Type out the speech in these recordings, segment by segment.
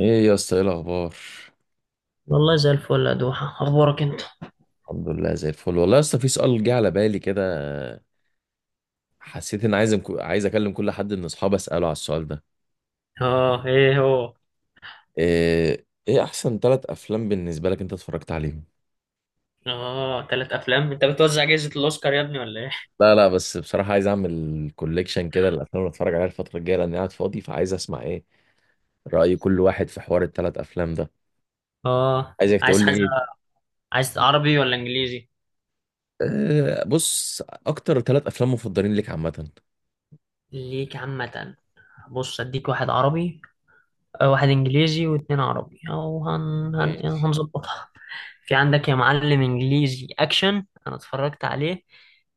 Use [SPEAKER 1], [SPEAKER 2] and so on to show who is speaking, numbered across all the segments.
[SPEAKER 1] ايه يا اسطى، ايه الاخبار؟
[SPEAKER 2] والله زي الفل يا دوحة، أخبارك أنت؟
[SPEAKER 1] الحمد لله، زي الفل والله يا اسطى. في سؤال جه على بالي كده. حسيت ان عايز اكلم كل حد من اصحابي اساله على السؤال ده.
[SPEAKER 2] آه، إيه هو؟
[SPEAKER 1] ايه احسن ثلاث افلام بالنسبه لك انت اتفرجت عليهم؟
[SPEAKER 2] آه، تلات أفلام؟ أنت بتوزع جائزة الأوسكار يا ابني ولا إيه؟
[SPEAKER 1] لا، لا، بس بصراحه عايز اعمل كوليكشن كده الافلام اللي اتفرج عليها الفتره الجايه، لاني قاعد فاضي، فعايز اسمع ايه راي كل واحد في حوار الثلاث افلام ده.
[SPEAKER 2] آه،
[SPEAKER 1] عايزك
[SPEAKER 2] عايز
[SPEAKER 1] تقول لي
[SPEAKER 2] حاجة،
[SPEAKER 1] ايه.
[SPEAKER 2] عايز عربي ولا إنجليزي؟
[SPEAKER 1] إيه، بص. اكتر ثلاث افلام مفضلين ليك عامه.
[SPEAKER 2] ليك عامة. بص أديك واحد عربي. واحد إنجليزي واتنين عربي أو
[SPEAKER 1] ماشي.
[SPEAKER 2] هنظبطها. في عندك يا معلم إنجليزي أكشن أنا اتفرجت عليه.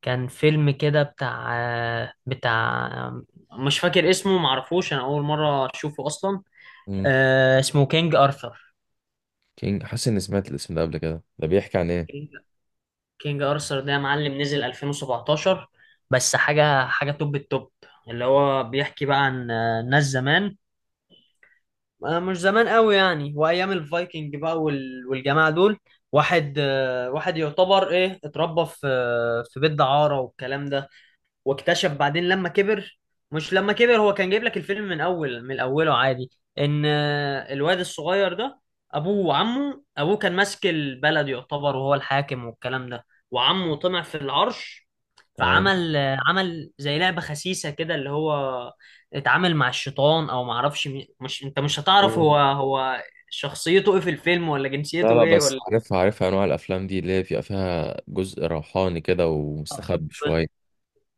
[SPEAKER 2] كان فيلم كده بتاع مش فاكر اسمه، معرفوش، أنا أول مرة أشوفه أصلا.
[SPEAKER 1] امم.
[SPEAKER 2] آه اسمه كينج أرثر.
[SPEAKER 1] كينج، حاسس اني سمعت الاسم ده قبل كده. ده بيحكي عن ايه؟
[SPEAKER 2] كينج ارثر ده يا معلم نزل 2017، بس حاجه توب التوب. اللي هو بيحكي بقى عن ناس زمان، مش زمان قوي يعني، وايام الفايكنج بقى والجماعه دول. واحد يعتبر ايه، اتربى في في بيت دعاره والكلام ده. واكتشف بعدين لما كبر، مش لما كبر، هو كان جايب لك الفيلم من اول من اوله عادي، ان الواد الصغير ده ابوه وعمه، ابوه كان ماسك البلد يعتبر، وهو الحاكم والكلام ده. وعمه طمع في العرش،
[SPEAKER 1] تمام.
[SPEAKER 2] فعمل عمل زي لعبة خسيسة كده، اللي هو اتعامل مع الشيطان او معرفش مش، انت مش هتعرف هو هو شخصيته ايه في الفيلم ولا
[SPEAKER 1] لا،
[SPEAKER 2] جنسيته
[SPEAKER 1] لا،
[SPEAKER 2] ايه
[SPEAKER 1] بس
[SPEAKER 2] ولا.
[SPEAKER 1] عارفها عارفها انواع الافلام دي اللي هي بيبقى فيها جزء روحاني كده ومستخبي شويه.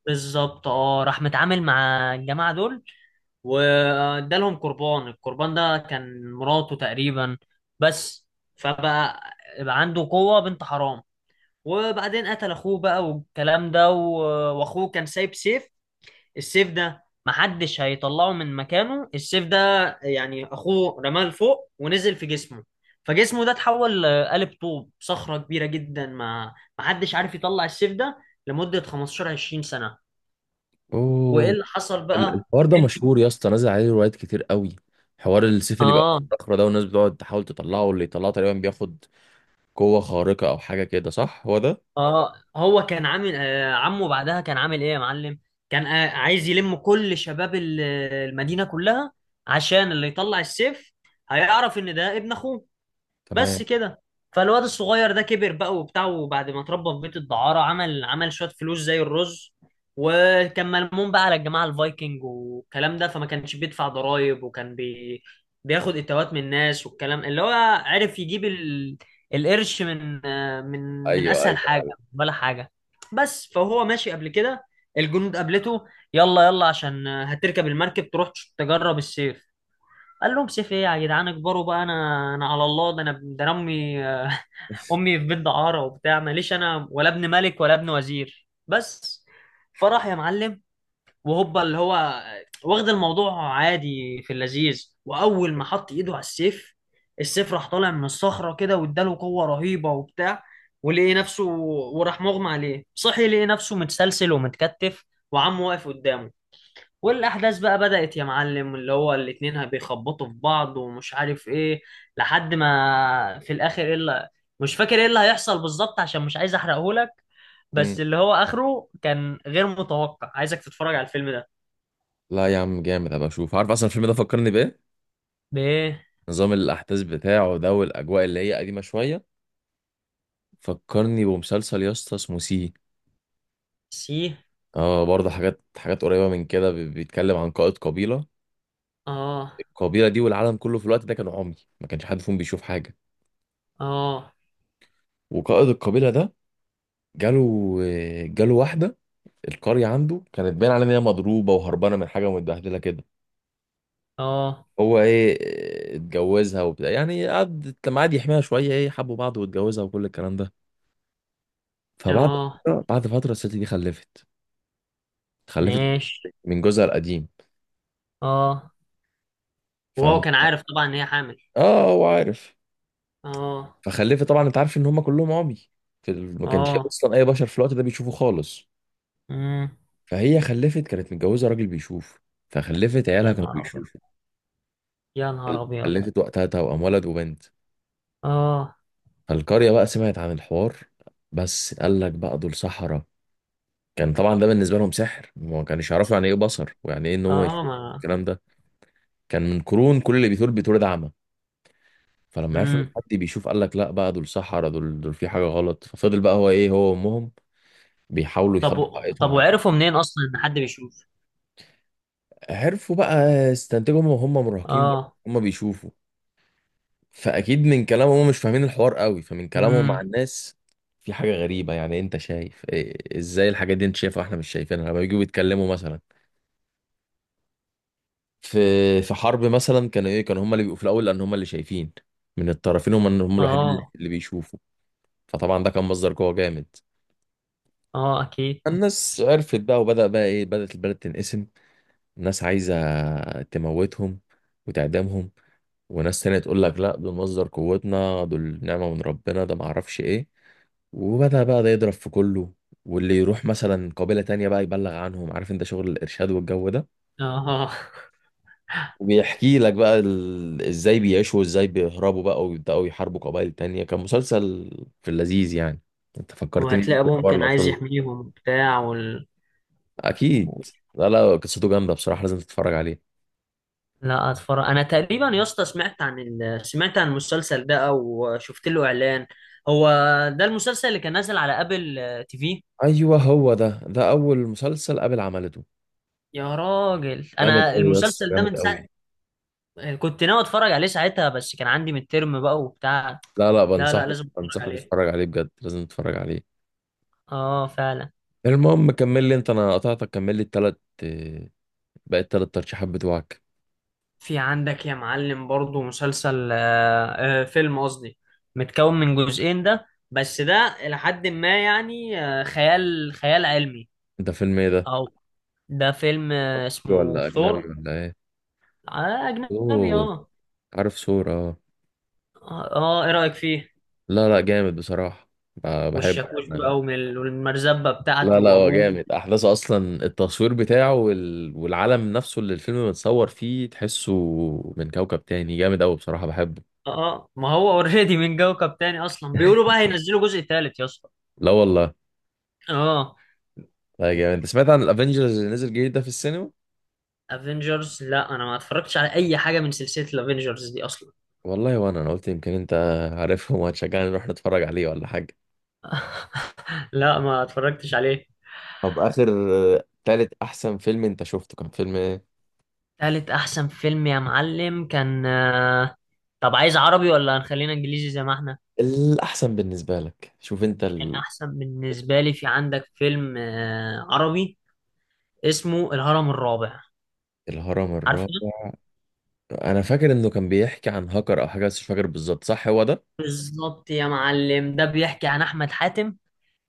[SPEAKER 2] بالظبط، اه، راح متعامل مع الجماعة دول وادالهم قربان، القربان ده كان مراته تقريبا. بس فبقى عنده قوة بنت حرام. وبعدين قتل اخوه بقى والكلام ده، واخوه كان سايب سيف، السيف ده محدش هيطلعه من مكانه، السيف ده يعني اخوه رماه لفوق ونزل في جسمه، فجسمه ده اتحول لقالب طوب، صخرة كبيرة جدا، ما محدش عارف يطلع السيف ده لمدة 15 20 سنة. وايه
[SPEAKER 1] اوه.
[SPEAKER 2] اللي حصل بقى؟
[SPEAKER 1] الحوار ده
[SPEAKER 2] إن-
[SPEAKER 1] مشهور يا اسطى، نازل عليه روايات كتير قوي. حوار السيف اللي بيبقى
[SPEAKER 2] اه،
[SPEAKER 1] في الصخره ده، والناس بتقعد تحاول تطلعه، واللي يطلعه تقريبا بياخد قوه خارقه او حاجه كده، صح هو ده؟
[SPEAKER 2] اه هو كان عامل عمه، بعدها كان عامل ايه يا معلم؟ كان عايز يلم كل شباب المدينة كلها، عشان اللي يطلع السيف هيعرف ان ده ابن اخوه. بس
[SPEAKER 1] تمام.
[SPEAKER 2] كده. فالواد الصغير ده كبر بقى وبتاع، وبعد ما اتربى في بيت الدعارة عمل شوية فلوس زي الرز، وكان ملموم بقى على الجماعة الفايكنج والكلام ده، فما كانش بيدفع ضرائب، وكان بياخد اتوات من الناس والكلام. اللي هو عرف يجيب القرش من من من
[SPEAKER 1] ايوه،
[SPEAKER 2] اسهل حاجة
[SPEAKER 1] ايوه.
[SPEAKER 2] ولا حاجة. بس فهو ماشي قبل كده، الجنود قابلته: يلا يلا عشان هتركب المركب تروح تجرب السيف. قال لهم: سيف ايه يا جدعان، اكبروا بقى، انا على الله، ده انا، ده انا امي امي في بيت دعاره وبتاع، ماليش انا ولا ابن ملك ولا ابن وزير، بس. فراح يا معلم، وهوبا، اللي هو واخد الموضوع عادي في اللذيذ، واول ما حط ايده على السيف، السيف راح طالع من الصخره كده، واداله قوه رهيبه وبتاع، ولقي نفسه، وراح مغمى عليه، صحي لقي نفسه متسلسل ومتكتف، وعمه واقف قدامه. والاحداث بقى بدأت يا معلم، اللي هو الاتنين بيخبطوا في بعض ومش عارف ايه، لحد ما في الاخر ايه اللي، مش فاكر ايه اللي هيحصل بالظبط عشان مش عايز احرقهولك.
[SPEAKER 1] امم.
[SPEAKER 2] بس اللي هو اخره كان غير متوقع، عايزك تتفرج على الفيلم ده.
[SPEAKER 1] لا يا عم، جامد، هبقى اشوف. عارف اصلا الفيلم ده فكرني بايه؟
[SPEAKER 2] ب
[SPEAKER 1] نظام الاحداث بتاعه ده والاجواء اللي هي قديمه شويه فكرني بمسلسل يا اسطى اسمه سي.
[SPEAKER 2] سي.
[SPEAKER 1] اه، برضه حاجات حاجات قريبة من كده، بيتكلم عن قائد قبيلة.
[SPEAKER 2] اه.
[SPEAKER 1] القبيلة دي والعالم كله في الوقت ده كانوا عمي. ما كانش حد فيهم بيشوف حاجة.
[SPEAKER 2] اه.
[SPEAKER 1] وقائد القبيلة ده جاله جاله واحدة. القرية عنده كانت باين عليها ان هي مضروبة وهربانة من حاجة ومتبهدلة كده.
[SPEAKER 2] اه.
[SPEAKER 1] هو ايه. اتجوزها وبتاع، يعني قعد لما قعد يحميها شوية، ايه، حبوا بعض واتجوزها وكل الكلام ده. فبعد
[SPEAKER 2] اه
[SPEAKER 1] فترة، بعد فترة الست دي خلفت. خلفت
[SPEAKER 2] ماشي.
[SPEAKER 1] من جوزها القديم.
[SPEAKER 2] اه، وهو
[SPEAKER 1] فاهم؟
[SPEAKER 2] كان عارف طبعا ان هي حامل.
[SPEAKER 1] اه هو عارف.
[SPEAKER 2] اه.
[SPEAKER 1] فخلفت. طبعا انت عارف ان هم كلهم عمي. ما كانش
[SPEAKER 2] اه.
[SPEAKER 1] اصلا اي بشر في الوقت ده بيشوفوا خالص.
[SPEAKER 2] امم.
[SPEAKER 1] فهي خلفت، كانت متجوزه راجل بيشوف. فخلفت، عيالها
[SPEAKER 2] يا
[SPEAKER 1] كانوا
[SPEAKER 2] نهار ابيض،
[SPEAKER 1] بيشوفوا.
[SPEAKER 2] يا نهار ابيض.
[SPEAKER 1] خلفت وقتها توأم، ولد وبنت.
[SPEAKER 2] اه.
[SPEAKER 1] فالقريه بقى سمعت عن الحوار. بس قال لك بقى دول سحرة. كان طبعا ده بالنسبه لهم سحر، ما كانش يعرفوا يعني ايه بصر ويعني ايه ان هو
[SPEAKER 2] اه
[SPEAKER 1] يشوف
[SPEAKER 2] ما
[SPEAKER 1] الكلام ده. كان من قرون كل اللي بيتولد بيتولد اعمى. فلما عرفوا ان
[SPEAKER 2] امم.
[SPEAKER 1] حد بيشوف قال لك لا بقى، دول سحرة، دول في حاجه غلط. ففضل بقى هو ايه، هو وامهم بيحاولوا
[SPEAKER 2] طب
[SPEAKER 1] يخبوا حقيقتهم
[SPEAKER 2] طب
[SPEAKER 1] على.
[SPEAKER 2] وعرفوا منين اصلا ان حد بيشوف؟
[SPEAKER 1] عرفوا بقى يستنتجوا، هم وهم مراهقين بقى.
[SPEAKER 2] اه.
[SPEAKER 1] هم بيشوفوا. فاكيد من كلامهم، هم مش فاهمين الحوار قوي، فمن كلامهم مع
[SPEAKER 2] امم.
[SPEAKER 1] الناس في حاجه غريبه. يعني إيه انت شايف؟ إيه، ازاي الحاجات دي انت شايفها واحنا مش شايفينها؟ لما بيجوا يتكلموا مثلا في في حرب مثلا، كانوا ايه، كانوا هم اللي بيبقوا في الاول لان هم اللي شايفين. من الطرفين، هم هم الوحيدين اللي
[SPEAKER 2] اه.
[SPEAKER 1] اللي بيشوفوا. فطبعا ده كان مصدر قوه جامد.
[SPEAKER 2] اه اكيد.
[SPEAKER 1] الناس عرفت بقى، وبدأ بقى ايه، بدأت البلد تنقسم. الناس عايزه تموتهم وتعدمهم، وناس تانية تقول لك لا، دول مصدر قوتنا، دول نعمة من ربنا، ده معرفش ايه. وبدأ بقى ده يضرب في كله. واللي يروح مثلا قبيلة تانية بقى يبلغ عنهم، عارف انت شغل الإرشاد والجو ده.
[SPEAKER 2] اه.
[SPEAKER 1] وبيحكي لك بقى ازاي بيعيشوا وازاي بيهربوا بقى، ويبدأوا يحاربوا قبائل تانية. كان مسلسل في اللذيذ يعني. انت فكرتني بيه
[SPEAKER 2] وهتلاقي
[SPEAKER 1] في
[SPEAKER 2] ابوهم
[SPEAKER 1] حوار
[SPEAKER 2] كان عايز
[SPEAKER 1] الأصول.
[SPEAKER 2] يحميهم وبتاع
[SPEAKER 1] أكيد. لا، لا، قصته جامدة بصراحة، لازم تتفرج عليه.
[SPEAKER 2] لا اتفرج. انا تقريبا يا اسطى سمعت عن سمعت عن المسلسل ده، او شفت له اعلان. هو ده المسلسل اللي كان نازل على ابل تي في؟
[SPEAKER 1] أيوه هو ده، ده أول مسلسل قابل عملته.
[SPEAKER 2] يا راجل
[SPEAKER 1] جامد
[SPEAKER 2] انا
[SPEAKER 1] أوي يا اسطى،
[SPEAKER 2] المسلسل ده
[SPEAKER 1] جامد
[SPEAKER 2] من ساعه
[SPEAKER 1] أوي.
[SPEAKER 2] كنت ناوي اتفرج عليه ساعتها، بس كان عندي مترم بقى وبتاع.
[SPEAKER 1] لا، لا،
[SPEAKER 2] لا لا،
[SPEAKER 1] بنصحك
[SPEAKER 2] لازم اتفرج
[SPEAKER 1] بنصحك
[SPEAKER 2] عليه.
[SPEAKER 1] تتفرج عليه بجد، لازم تتفرج عليه.
[SPEAKER 2] اه فعلا.
[SPEAKER 1] المهم كمل لي انت، انا قطعتك. كمل لي التلات آه، باقي التلات ترشيحات بتوعك.
[SPEAKER 2] في عندك يا معلم برضو مسلسل آه، آه، فيلم قصدي، متكون من جزئين ده، بس ده إلى حد ما يعني خيال علمي.
[SPEAKER 1] ده فيلم ايه ده؟
[SPEAKER 2] أو ده فيلم اسمه
[SPEAKER 1] ولا اجنبي
[SPEAKER 2] ثور.
[SPEAKER 1] ولا ايه؟
[SPEAKER 2] أجنبي،
[SPEAKER 1] سور؟
[SPEAKER 2] اه.
[SPEAKER 1] عارف سور، اه.
[SPEAKER 2] اه، إيه رأيك فيه؟
[SPEAKER 1] لا، لا، جامد بصراحة. بحبه
[SPEAKER 2] والشاكوش
[SPEAKER 1] يعني.
[SPEAKER 2] بقى والمرزبة
[SPEAKER 1] لا،
[SPEAKER 2] بتاعته
[SPEAKER 1] لا، هو
[SPEAKER 2] وأبوه.
[SPEAKER 1] جامد، احداثه اصلا التصوير بتاعه والعالم نفسه اللي الفيلم متصور فيه تحسه من كوكب تاني، جامد قوي بصراحة، بحبه.
[SPEAKER 2] اه، ما هو اوريدي من كوكب تاني أصلا، بيقولوا بقى هينزلوا جزء تالت يا اسطى.
[SPEAKER 1] لا والله.
[SPEAKER 2] اه،
[SPEAKER 1] لا جامد. انت سمعت عن الافنجرز اللي نزل جديد ده في السينما؟
[SPEAKER 2] افنجرز؟ لا، انا ما اتفرجتش على اي حاجه من سلسله الافنجرز دي اصلا.
[SPEAKER 1] والله، وانا قلت يمكن انت عارفهم وهتشجعني نروح نتفرج عليه ولا حاجه.
[SPEAKER 2] لا ما اتفرجتش عليه.
[SPEAKER 1] طب، اخر آه، تالت احسن فيلم انت شفته كان فيلم ايه؟
[SPEAKER 2] تالت احسن فيلم يا معلم كان طب عايز عربي ولا هنخلينا انجليزي زي ما احنا؟
[SPEAKER 1] الاحسن بالنسبه لك، شوف انت
[SPEAKER 2] الاحسن بالنسبه لي، في عندك فيلم عربي اسمه الهرم الرابع.
[SPEAKER 1] الهرم
[SPEAKER 2] عارفه؟
[SPEAKER 1] الرابع. انا فاكر انه كان بيحكي عن هاكر او حاجه، بس مش فاكر بالظبط، صح هو ده؟
[SPEAKER 2] بالظبط يا معلم. ده بيحكي عن احمد حاتم،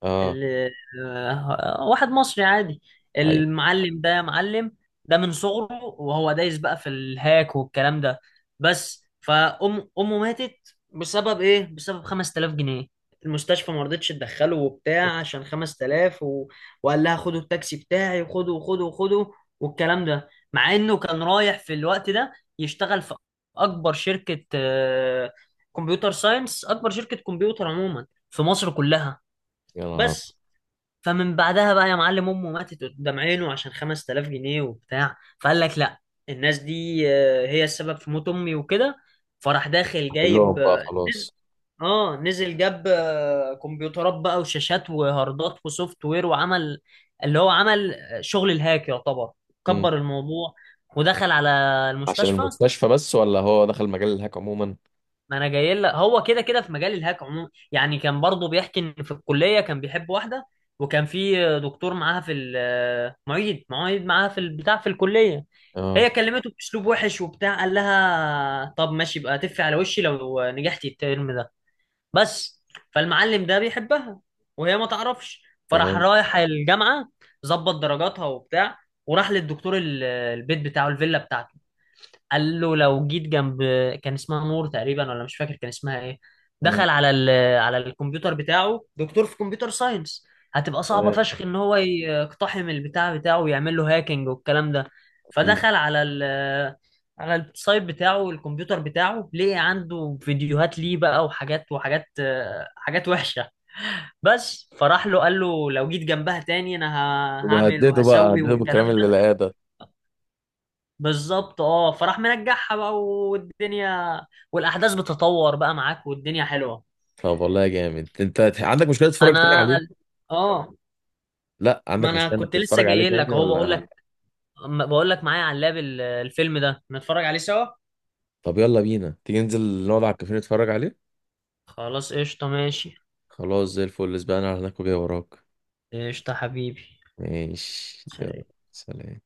[SPEAKER 1] اه.
[SPEAKER 2] ال- واحد مصري عادي.
[SPEAKER 1] ايوه.
[SPEAKER 2] المعلم ده يا معلم ده من صغره وهو دايس بقى في الهاك والكلام ده، بس. فأم، أمه ماتت بسبب إيه؟ بسبب 5000 جنيه. المستشفى ما رضتش تدخله وبتاع عشان 5000 وقال لها خدوا التاكسي بتاعي، وخدوا وخدوا وخدوا والكلام ده، مع إنه كان رايح في الوقت ده يشتغل في أكبر شركة كمبيوتر ساينس، أكبر شركة كمبيوتر عموما في مصر كلها.
[SPEAKER 1] يا نهار ابيض!
[SPEAKER 2] بس فمن بعدها بقى يا معلم، امه ماتت قدام عينه عشان 5000 جنيه وبتاع، فقال لك لا، الناس دي هي السبب في موت امي وكده. فراح داخل جايب
[SPEAKER 1] كلهم بقى
[SPEAKER 2] نزل،
[SPEAKER 1] خلاص.
[SPEAKER 2] اه نزل جاب كمبيوترات بقى وشاشات وهاردات وسوفت وير، وعمل اللي هو عمل شغل الهاك يعتبر.
[SPEAKER 1] امم.
[SPEAKER 2] كبر الموضوع ودخل على
[SPEAKER 1] عشان
[SPEAKER 2] المستشفى.
[SPEAKER 1] المستشفى بس ولا هو دخل مجال الهاك عموما؟
[SPEAKER 2] ما انا جاي لك، هو كده كده في مجال الهاك عموما. يعني كان برضه بيحكي ان في الكليه كان بيحب واحده، وكان في دكتور معاها في معيد، معاها في البتاع في الكليه.
[SPEAKER 1] اه.
[SPEAKER 2] هي كلمته باسلوب وحش وبتاع، قال لها طب ماشي، يبقى تفي على وشي لو نجحتي الترم ده، بس. فالمعلم ده بيحبها وهي ما تعرفش. فراح
[SPEAKER 1] تمام.
[SPEAKER 2] رايح الجامعه، ظبط درجاتها وبتاع. وراح للدكتور، البيت بتاعه، الفيلا بتاعته. قال له لو جيت جنب، كان اسمها نور تقريبا ولا مش فاكر كان اسمها ايه.
[SPEAKER 1] امم.
[SPEAKER 2] دخل على على الكمبيوتر بتاعه، دكتور في كمبيوتر ساينس، هتبقى صعبة
[SPEAKER 1] تمام.
[SPEAKER 2] فشخ ان هو يقتحم البتاع بتاعه ويعمل له هاكينج والكلام ده.
[SPEAKER 1] اكيد.
[SPEAKER 2] فدخل على على السايت بتاعه، الكمبيوتر بتاعه، لقي عنده فيديوهات ليه بقى، وحاجات حاجات وحشة، بس. فراح له قال له لو جيت جنبها تاني انا هعمل
[SPEAKER 1] وهدده بقى،
[SPEAKER 2] وهسوي
[SPEAKER 1] هدده
[SPEAKER 2] والكلام.
[SPEAKER 1] بالكلام اللي لقاه ده.
[SPEAKER 2] بالظبط، اه، فراح منجحها بقى، والدنيا والاحداث بتتطور بقى معاك، والدنيا حلوه.
[SPEAKER 1] طب والله جامد. انت عندك مشكله تتفرج تاني
[SPEAKER 2] انا،
[SPEAKER 1] عليه؟
[SPEAKER 2] اه،
[SPEAKER 1] لا
[SPEAKER 2] ما
[SPEAKER 1] عندك
[SPEAKER 2] انا
[SPEAKER 1] مشكلة انك
[SPEAKER 2] كنت لسه
[SPEAKER 1] تتفرج عليه
[SPEAKER 2] جاي
[SPEAKER 1] تاني
[SPEAKER 2] لك اهو، بقول
[SPEAKER 1] ولا؟
[SPEAKER 2] لك بقول لك معايا على اللاب الفيلم ده، نتفرج عليه سوا.
[SPEAKER 1] طب يلا بينا، تيجي ننزل نقعد على الكافيه نتفرج عليه.
[SPEAKER 2] خلاص، قشطه، ماشي.
[SPEAKER 1] خلاص زي الفل، اسبقنا على هناك وجاي وراك.
[SPEAKER 2] قشطه حبيبي.
[SPEAKER 1] ماشي يلا.
[SPEAKER 2] سلام.
[SPEAKER 1] سلام.